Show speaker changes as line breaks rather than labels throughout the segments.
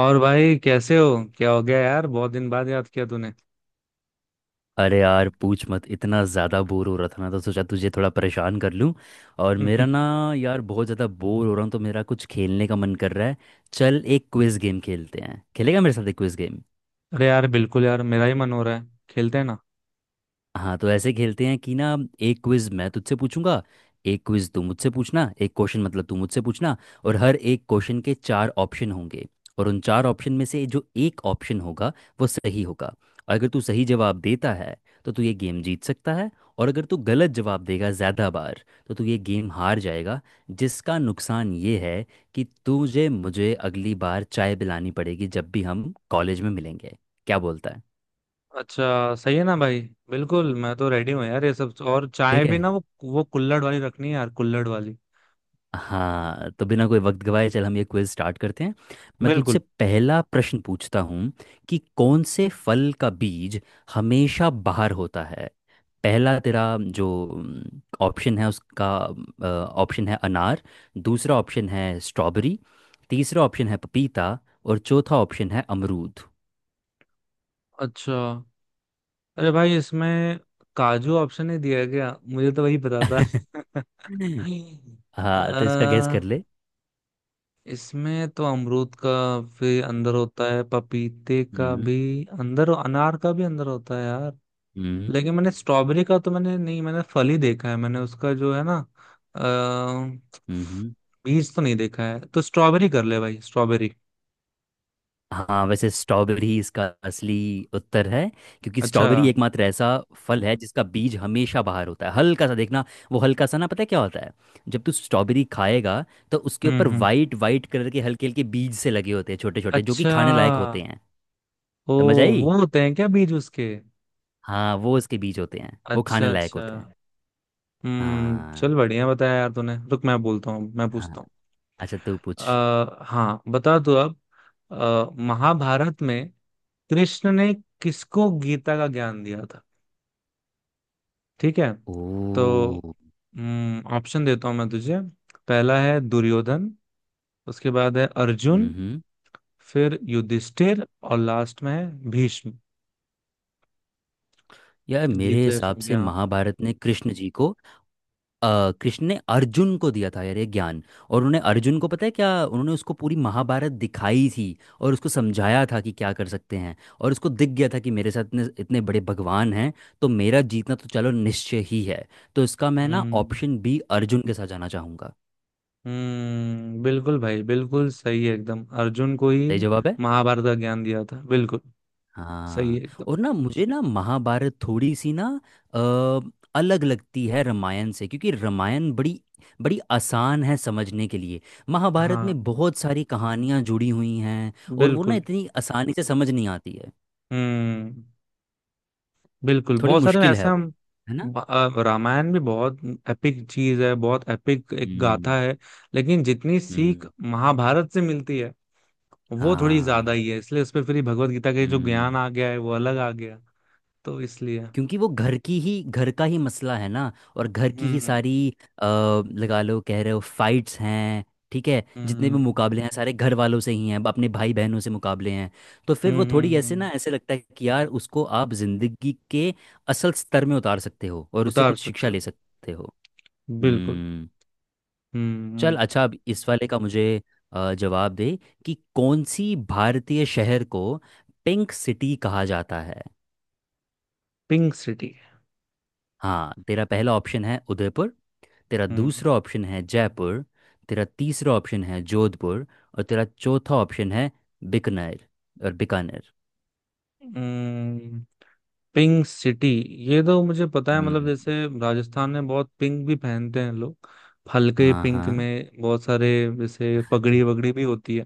और भाई कैसे हो। क्या हो गया यार, बहुत दिन बाद याद किया तूने।
अरे यार पूछ मत। इतना ज़्यादा बोर हो रहा था ना, तो सोचा तुझे थोड़ा परेशान कर लूँ। और मेरा ना, यार बहुत ज़्यादा बोर हो रहा हूँ, तो मेरा कुछ खेलने का मन कर रहा है। चल एक क्विज़ गेम खेलते हैं। खेलेगा मेरे साथ एक क्विज़ गेम?
अरे यार बिल्कुल यार, मेरा ही मन हो रहा है, खेलते हैं ना।
हाँ तो ऐसे खेलते हैं कि ना, एक क्विज मैं तुझसे पूछूंगा, एक क्विज तू मुझसे पूछना। एक क्वेश्चन मतलब तू मुझसे पूछना। और हर एक क्वेश्चन के चार ऑप्शन होंगे। और उन चार ऑप्शन में से जो एक ऑप्शन होगा वो सही होगा। और अगर तू सही जवाब देता है तो तू ये गेम जीत सकता है। और अगर तू गलत जवाब देगा ज़्यादा बार, तो तू ये गेम हार जाएगा। जिसका नुकसान ये है कि तुझे मुझे अगली बार चाय पिलानी पड़ेगी जब भी हम कॉलेज में मिलेंगे। क्या बोलता है?
अच्छा सही है ना भाई। बिल्कुल, मैं तो रेडी हूँ यार ये सब। और चाय
ठीक है।
भी ना वो कुल्हड़ वाली रखनी है यार, कुल्हड़ वाली।
हाँ तो बिना कोई वक्त गवाए चल हम ये क्विज स्टार्ट करते हैं। मैं तुझसे
बिल्कुल।
पहला प्रश्न पूछता हूँ कि कौन से फल का बीज हमेशा बाहर होता है। पहला तेरा जो ऑप्शन है उसका ऑप्शन है अनार। दूसरा ऑप्शन है स्ट्रॉबेरी। तीसरा ऑप्शन है पपीता। और चौथा ऑप्शन है अमरूद।
अच्छा। अरे भाई, इसमें काजू ऑप्शन ही दिया है क्या? मुझे तो वही पता था।
हाँ तो इसका गैस
अ,
कर ले।
इसमें तो अमरूद का भी अंदर होता है, पपीते का
हम्म
भी अंदर, अनार का भी अंदर होता है यार।
हम्म
लेकिन मैंने स्ट्रॉबेरी का तो, मैंने नहीं, मैंने फल ही देखा है, मैंने उसका जो है ना। अ,
हम्म,
बीज तो नहीं देखा है, तो स्ट्रॉबेरी कर ले भाई, स्ट्रॉबेरी।
हाँ वैसे स्ट्रॉबेरी इसका असली उत्तर है। क्योंकि
अच्छा।
स्ट्रॉबेरी एकमात्र ऐसा फल है जिसका बीज हमेशा बाहर होता है। हल्का सा देखना, वो हल्का सा ना पता है क्या होता है। जब तू स्ट्रॉबेरी खाएगा तो उसके
हम्म,
ऊपर
हम्म।
वाइट वाइट कलर के हल्के हल्के बीज से लगे होते हैं, छोटे छोटे, जो कि
अच्छा।
खाने लायक होते हैं।
ओ।
समझ आई?
वो होते हैं क्या बीज उसके?
हाँ वो उसके बीज होते हैं, वो खाने
अच्छा
लायक
अच्छा।
होते हैं।
हम्म,
हाँ,
चल, बढ़िया बताया यार तूने। रुक, मैं बोलता हूँ, मैं
हाँ,
पूछता हूँ।
अच्छा तू पूछ।
हाँ, बता दो अब। महाभारत में कृष्ण ने किसको गीता का ज्ञान दिया था? ठीक है।
ओ
तो ऑप्शन देता हूं मैं तुझे। पहला है दुर्योधन। उसके बाद है अर्जुन।
हम्म
फिर युधिष्ठिर, और लास्ट में है भीष्म।
यार मेरे
गीत
हिसाब से
संज्ञा।
महाभारत ने कृष्ण जी को, कृष्ण ने अर्जुन को दिया था यार ये ज्ञान। और उन्होंने अर्जुन को पता है क्या, उन्होंने उसको पूरी महाभारत दिखाई थी। और उसको समझाया था कि क्या कर सकते हैं। और उसको दिख गया था कि मेरे साथ इतने इतने बड़े भगवान हैं, तो मेरा जीतना तो चलो निश्चय ही है। तो इसका मैं ना
हम्म,
ऑप्शन बी अर्जुन के साथ जाना चाहूंगा।
हम्म, बिल्कुल भाई, बिल्कुल सही है एकदम। अर्जुन को ही
सही जवाब है।
महाभारत का ज्ञान दिया था, बिल्कुल। सही
हाँ,
है एकदम।
और ना मुझे ना महाभारत थोड़ी सी ना, अ, अलग लगती है रामायण से। क्योंकि रामायण बड़ी बड़ी आसान है समझने के लिए। महाभारत में
हाँ।
बहुत सारी कहानियाँ जुड़ी हुई हैं और वो ना
बिल्कुल।
इतनी आसानी से समझ नहीं आती है।
हम्म। बिल्कुल,
थोड़ी
बहुत सारे
मुश्किल है
ऐसा
वो,
हम।
है ना।
रामायण भी बहुत एपिक चीज है, बहुत एपिक एक गाथा
हम्म,
है। लेकिन जितनी सीख
हम्म,
महाभारत से मिलती है, वो थोड़ी ज्यादा
हाँ,
ही है, इसलिए उस पर फिर भगवत गीता के जो ज्ञान
हम्म,
आ गया है वो अलग आ गया। तो इसलिए।
क्योंकि वो घर की ही घर का ही मसला है ना। और घर की ही
हम्म,
सारी, लगा लो कह रहे हो फाइट्स हैं। ठीक है, जितने भी
हम्म,
मुकाबले हैं सारे घर वालों से ही हैं, अपने भाई बहनों से मुकाबले हैं। तो फिर
हम्म,
वो थोड़ी
हम्म,
ऐसे ना ऐसे लगता है कि यार उसको आप जिंदगी के असल स्तर में उतार सकते हो और उससे
उतार
कुछ शिक्षा
सकते
ले
हो।
सकते हो।
बिल्कुल।
हम्म।
हम्म,
चल अच्छा अब इस वाले का मुझे जवाब दे कि कौन सी भारतीय शहर को पिंक सिटी कहा जाता है।
Pink city.
हाँ तेरा पहला ऑप्शन है उदयपुर। तेरा
हम्म, Pink City,
दूसरा ऑप्शन है जयपुर। तेरा तीसरा ऑप्शन है जोधपुर। और तेरा चौथा ऑप्शन है बीकानेर। और बीकानेर
हम्म, पिंक सिटी ये तो मुझे पता है, मतलब
हम्म।
जैसे, राजस्थान में बहुत पिंक भी पहनते हैं लोग। हल्के
हाँ,
पिंक
हाँ,
में बहुत सारे। जैसे पगड़ी वगड़ी भी होती है।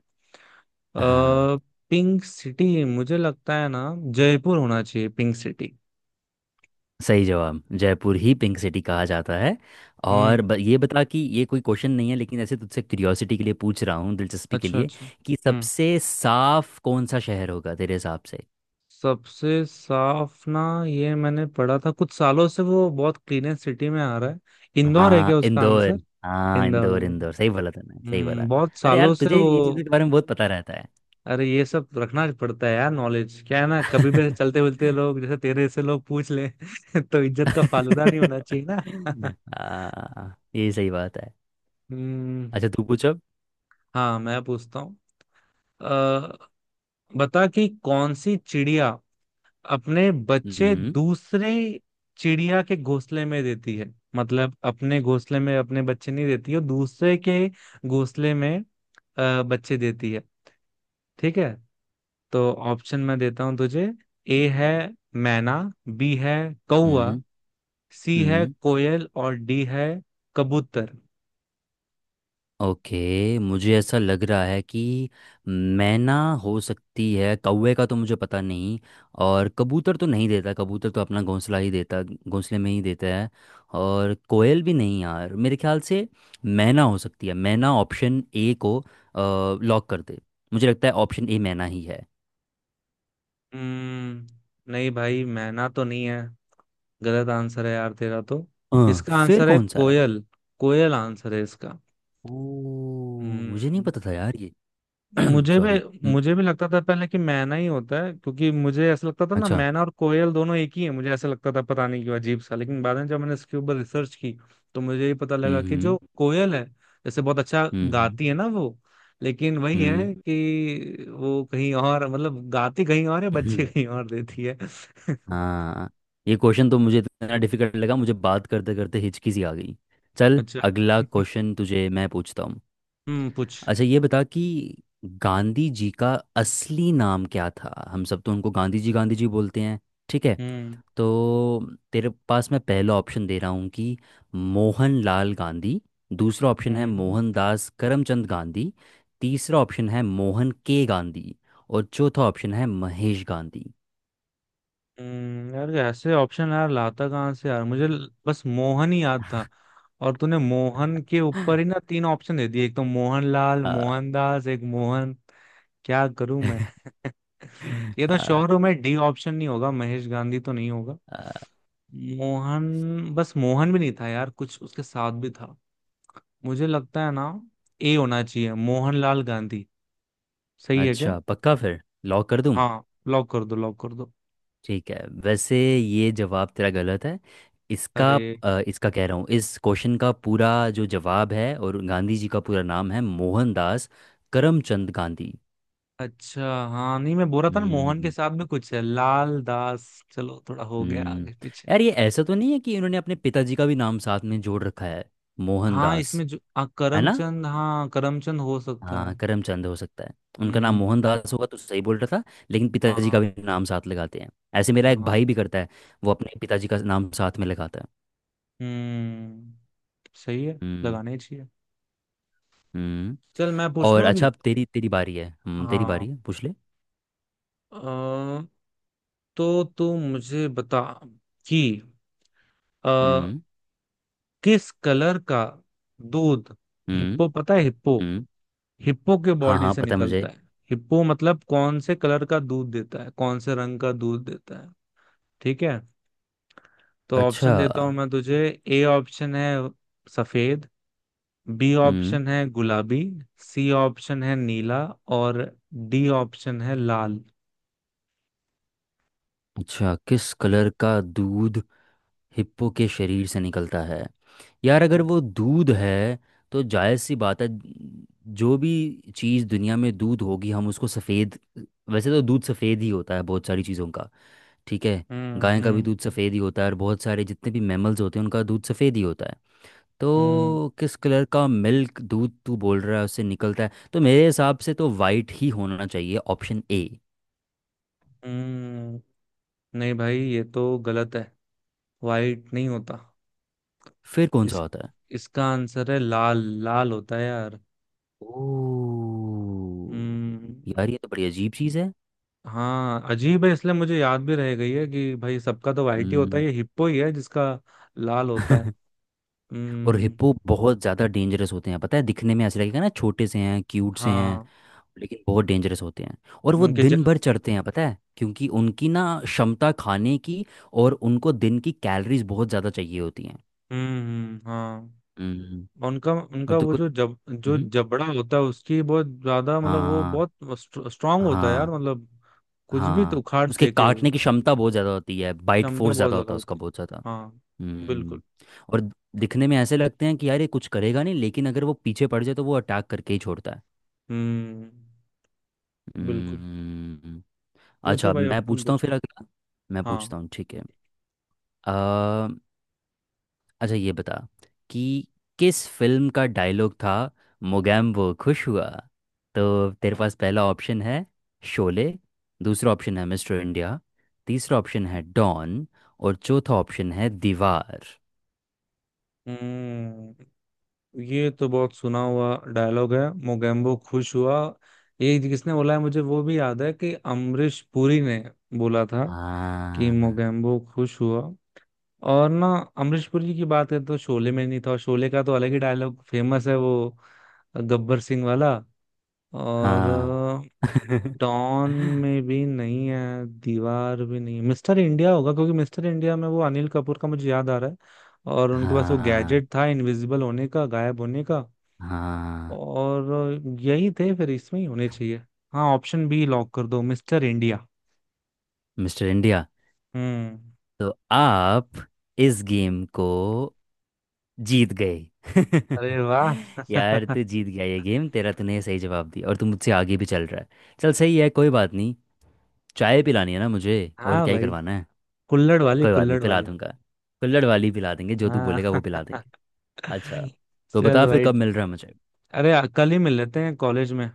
हाँ,
अ पिंक सिटी मुझे लगता है ना, जयपुर होना चाहिए पिंक सिटी।
सही जवाब, जयपुर ही पिंक सिटी कहा जाता है। और
हम्म।
ये बता कि ये कोई क्वेश्चन नहीं है, लेकिन ऐसे तुझसे क्यूरियोसिटी के लिए पूछ रहा हूँ, दिलचस्पी के
अच्छा
लिए,
अच्छा।
कि
हम्म।
सबसे साफ कौन सा शहर होगा तेरे हिसाब से।
सबसे साफ ना? ये मैंने पढ़ा था, कुछ सालों से वो बहुत क्लीनेस्ट सिटी में आ रहा है। इंदौर है
हाँ
क्या उसका
इंदौर।
आंसर?
हाँ
इंदौर।
इंदौर, इंदौर सही बोला तूने, सही
हम्म,
बोला।
बहुत
अरे यार
सालों से
तुझे
वो।
ये चीज़ों के बारे में बहुत पता रहता
अरे ये सब रखना पड़ता है यार नॉलेज, क्या है ना, कभी भी
है।
ऐसे चलते मिलते लोग, जैसे तेरे से लोग पूछ ले, तो इज्जत का फालूदा नहीं होना चाहिए ना।
आ, ये सही बात है।
हम्म।
अच्छा तू पूछ अब।
हाँ, मैं पूछता हूँ। अ, बता कि कौन सी चिड़िया अपने बच्चे
हम्म,
दूसरे चिड़िया के घोंसले में देती है, मतलब अपने घोंसले में अपने बच्चे नहीं देती है, दूसरे के घोंसले में बच्चे देती है। ठीक है। तो ऑप्शन मैं देता हूं तुझे। ए है मैना। बी है कौआ।
हम्म,
सी है
हम्म,
कोयल, और डी है कबूतर।
ओके मुझे ऐसा लग रहा है कि मैना हो सकती है, कौवे का तो मुझे पता नहीं। और कबूतर तो नहीं देता, कबूतर तो अपना घोंसला ही देता घोंसले में ही देता है। और कोयल भी नहीं यार मेरे ख्याल से। मैना हो सकती है, मैना ऑप्शन ए को लॉक कर दे। मुझे लगता है ऑप्शन ए मैना ही है।
हम्म, नहीं भाई, मैना तो नहीं है। गलत आंसर है यार तेरा तो। इसका
फिर
आंसर है
कौन सा है?
कोयल। कोयल आंसर है इसका।
ओ मुझे नहीं
हम्म,
पता था यार ये।
मुझे
सॉरी।
भी मुझे भी लगता था पहले कि मैना ही होता है, क्योंकि मुझे ऐसा लगता था ना
अच्छा।
मैना और कोयल दोनों एक ही है, मुझे ऐसा लगता था पता नहीं क्यों, अजीब सा। लेकिन बाद में जब मैंने इसके ऊपर रिसर्च की, तो मुझे ये पता लगा कि जो
हम्म,
कोयल है, जैसे बहुत अच्छा
हम्म, हम्म,
गाती है ना वो। लेकिन वही है कि वो कहीं और, मतलब गाती कहीं और है, बच्चे
हम्म,
कहीं और देती है।
हाँ, ये क्वेश्चन तो मुझे इतना डिफिकल्ट लगा, मुझे बात करते करते हिचकी सी आ गई। चल
अच्छा।
अगला क्वेश्चन तुझे मैं पूछता हूँ।
हम्म, पूछ।
अच्छा ये बता कि गांधी जी का असली नाम क्या था, हम सब तो उनको गांधी जी बोलते हैं। ठीक है,
हम्म,
तो तेरे पास मैं पहला ऑप्शन दे रहा हूँ कि मोहन लाल गांधी। दूसरा ऑप्शन है
हम्म,
मोहनदास करमचंद गांधी। तीसरा ऑप्शन है मोहन के गांधी। और चौथा ऑप्शन है महेश गांधी।
यार ऐसे ऑप्शन यार लाता कहाँ से यार, मुझे बस मोहन ही याद था। और तूने मोहन के ऊपर ही ना तीन ऑप्शन दे दिए, एक तो मोहनलाल,
आ,
मोहनदास, एक मोहन। क्या करूं मैं। ये तो
आ,
शोरों में डी ऑप्शन नहीं होगा, महेश गांधी तो नहीं होगा।
आ,
मोहन, बस मोहन भी नहीं था यार, कुछ उसके साथ भी था। मुझे लगता है ना, ए होना चाहिए, मोहनलाल गांधी। सही है क्या?
अच्छा पक्का फिर लॉक कर दूँ?
हाँ, लॉक कर दो, लॉक कर दो।
ठीक है, वैसे ये जवाब तेरा गलत है इसका।
अरे।
इसका कह रहा हूँ, इस क्वेश्चन का पूरा जो जवाब है और गांधी जी का पूरा नाम है मोहनदास करमचंद गांधी।
अच्छा। हाँ नहीं, मैं बोल रहा था ना मोहन के
हम्म,
साथ में कुछ है, लाल, दास, चलो थोड़ा हो गया
हम्म,
आगे पीछे।
यार ये ऐसा तो नहीं है कि इन्होंने अपने पिताजी का भी नाम साथ में जोड़ रखा है,
हाँ
मोहनदास,
इसमें जो, हाँ,
है ना।
करमचंद, हाँ करमचंद हो सकता
हाँ
है।
करमचंद हो सकता है। उनका नाम
हम्म।
मोहनदास होगा तो सही बोल रहा था, लेकिन पिताजी का
हाँ,
भी नाम साथ लगाते हैं। ऐसे मेरा एक
हाँ।
भाई भी करता है, वो अपने पिताजी का नाम साथ में लगाता है।
हम्म। सही है,
हम्म,
लगाना ही चाहिए।
हम्म,
चल, मैं पूछ
और
लूं
अच्छा
अभी।
अब तेरी तेरी बारी है, हम्म, तेरी बारी
हाँ।
है, पूछ ले।
अ, तो तू मुझे बता कि अ,
हम्म,
किस कलर का दूध,
हम्म,
हिप्पो पता है हिप्पो,
हम्म,
हिप्पो के
हाँ
बॉडी
हाँ
से
पता है
निकलता
मुझे।
है। हिप्पो मतलब कौन से कलर का दूध देता है, कौन से रंग का दूध देता है? ठीक है। तो
अच्छा।
ऑप्शन देता हूं मैं तुझे। ए ऑप्शन है सफेद। बी
हम्म,
ऑप्शन है गुलाबी। सी ऑप्शन है नीला। और डी ऑप्शन है लाल।
अच्छा, किस कलर का दूध हिप्पो के शरीर से निकलता है। यार अगर
हम्म,
वो दूध है तो जायज़ सी बात है, जो भी चीज़ दुनिया में दूध होगी हम उसको सफ़ेद। वैसे तो दूध सफ़ेद ही होता है बहुत सारी चीज़ों का। ठीक है, गाय का
हम्म,
भी दूध सफ़ेद ही होता है, और बहुत सारे जितने भी मैमल्स होते हैं उनका दूध सफ़ेद ही होता है।
हम्म,
तो किस कलर का मिल्क, दूध तू बोल रहा है उससे निकलता है, तो मेरे हिसाब से तो वाइट ही होना चाहिए, ऑप्शन ए।
हम्म, नहीं भाई, ये तो गलत है। वाइट नहीं होता।
फिर कौन सा
इस
होता है?
इसका आंसर है लाल। लाल होता है यार।
ओ
हम्म।
यार ये तो बड़ी अजीब चीज़ है।
हाँ, अजीब है, इसलिए मुझे याद भी रह गई है कि भाई, सबका तो वाइट ही होता है,
हम्म,
ये हिप्पो ही है जिसका लाल होता है।
और
हम्म।
हिप्पो बहुत ज़्यादा डेंजरस होते हैं पता है। दिखने में ऐसा लगेगा ना छोटे से हैं, क्यूट से हैं,
हाँ।
लेकिन बहुत डेंजरस होते हैं। और वो
उनके ज...
दिन भर चढ़ते हैं पता है, क्योंकि उनकी ना क्षमता खाने की, और उनको दिन की कैलोरीज बहुत ज़्यादा चाहिए होती हैं।
हम्म। हाँ,
हम्म,
उनका
और
उनका
तो
वो
कुछ,
जो
हम्म,
जबड़ा होता है, उसकी बहुत ज्यादा, मतलब वो
हाँ,
बहुत स्ट्रांग होता है यार,
हाँ,
मतलब कुछ भी तो
हाँ,
उखाड़
उसके
फेंके वो।
काटने की क्षमता बहुत ज़्यादा होती है, बाइट
क्षमता
फोर्स
बहुत
ज़्यादा
ज्यादा
होता है उसका,
होती
बहुत ज़्यादा।
है। हाँ।
हम्म,
बिल्कुल।
और दिखने में ऐसे लगते हैं कि यार ये कुछ करेगा नहीं, लेकिन अगर वो पीछे पड़ जाए तो वो अटैक करके ही छोड़ता है।
हम्म। बिल्कुल।
हम्म,
पूछो
अच्छा
भाई, अब
मैं
तुम
पूछता हूँ
पूछो।
फिर अगला, मैं पूछता
हाँ।
हूँ, ठीक है। आ, अच्छा ये बता कि किस फिल्म का डायलॉग था मोगैम्बो खुश हुआ। तो तेरे पास पहला ऑप्शन है शोले। दूसरा ऑप्शन है मिस्टर इंडिया। तीसरा ऑप्शन है डॉन। और चौथा ऑप्शन है दीवार।
हम्म, ये तो बहुत सुना हुआ डायलॉग है, मोगेम्बो खुश हुआ। ये किसने बोला है, मुझे वो भी याद है कि अमरीश पुरी ने बोला था कि
हाँ,
मोगेम्बो खुश हुआ। और ना अमरीश पुरी की बात है तो शोले में नहीं था, और शोले का तो अलग ही डायलॉग फेमस है वो, गब्बर सिंह वाला। और
हाँ,
डॉन में भी नहीं है, दीवार भी नहीं, मिस्टर इंडिया होगा, क्योंकि मिस्टर इंडिया में वो अनिल कपूर का मुझे याद आ रहा है। और उनके पास वो
हाँ,
गैजेट था इनविजिबल होने का, गायब होने का।
हाँ,
और यही थे, फिर इसमें ही होने चाहिए। हाँ, ऑप्शन बी लॉक कर दो, मिस्टर इंडिया।
Mister India.
हम्म।
तो आप इस गेम को जीत गए।
अरे वाह।
यार तू जीत गया ये गेम तेरा, तूने सही जवाब दिया और तू मुझसे आगे भी चल रहा है। चल सही है, कोई बात नहीं। चाय पिलानी है ना मुझे, और
हाँ
क्या ही
भाई।
करवाना है।
कुल्हड़ वाली,
कोई बात नहीं
कुल्हड़
पिला
वाली।
दूंगा, कुल्हड़ वाली पिला देंगे, जो तू बोलेगा
हाँ।
वो पिला देंगे। अच्छा। तो
चल
बता फिर
भाई।
कब मिल रहा है मुझे।
अरे कल ही मिल लेते हैं कॉलेज में।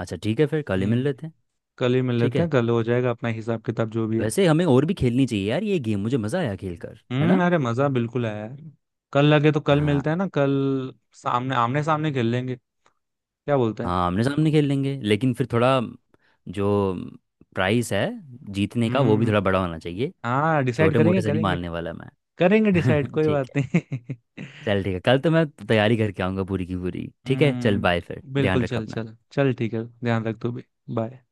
अच्छा ठीक है फिर कल ही मिल
हम्म,
लेते हैं।
कल ही मिल
ठीक
लेते
है,
हैं, कल हो जाएगा अपना हिसाब किताब, जो भी है।
वैसे हमें और भी खेलनी चाहिए यार ये गेम, मुझे मज़ा आया खेल कर, है
हम्म,
ना।
अरे मजा बिल्कुल आया यार। कल लगे तो कल
हाँ,
मिलते हैं ना, कल सामने आमने सामने खेल लेंगे। क्या बोलते हैं?
हाँ आमने सामने खेल लेंगे, लेकिन फिर थोड़ा जो प्राइस है जीतने का वो भी
हम्म।
थोड़ा बड़ा होना चाहिए।
हाँ, डिसाइड
छोटे मोटे
करेंगे,
से नहीं
करेंगे।
मानने वाला मैं।
करेंगे डिसाइड, कोई
ठीक है,
बात नहीं।
चल ठीक है, कल तो मैं तैयारी करके आऊँगा पूरी की पूरी। ठीक है, चल बाय फिर,
हम्म,
ध्यान
बिल्कुल,
रखो
चल
अपना।
चल चल, ठीक है, ध्यान रख तू भी। बाय।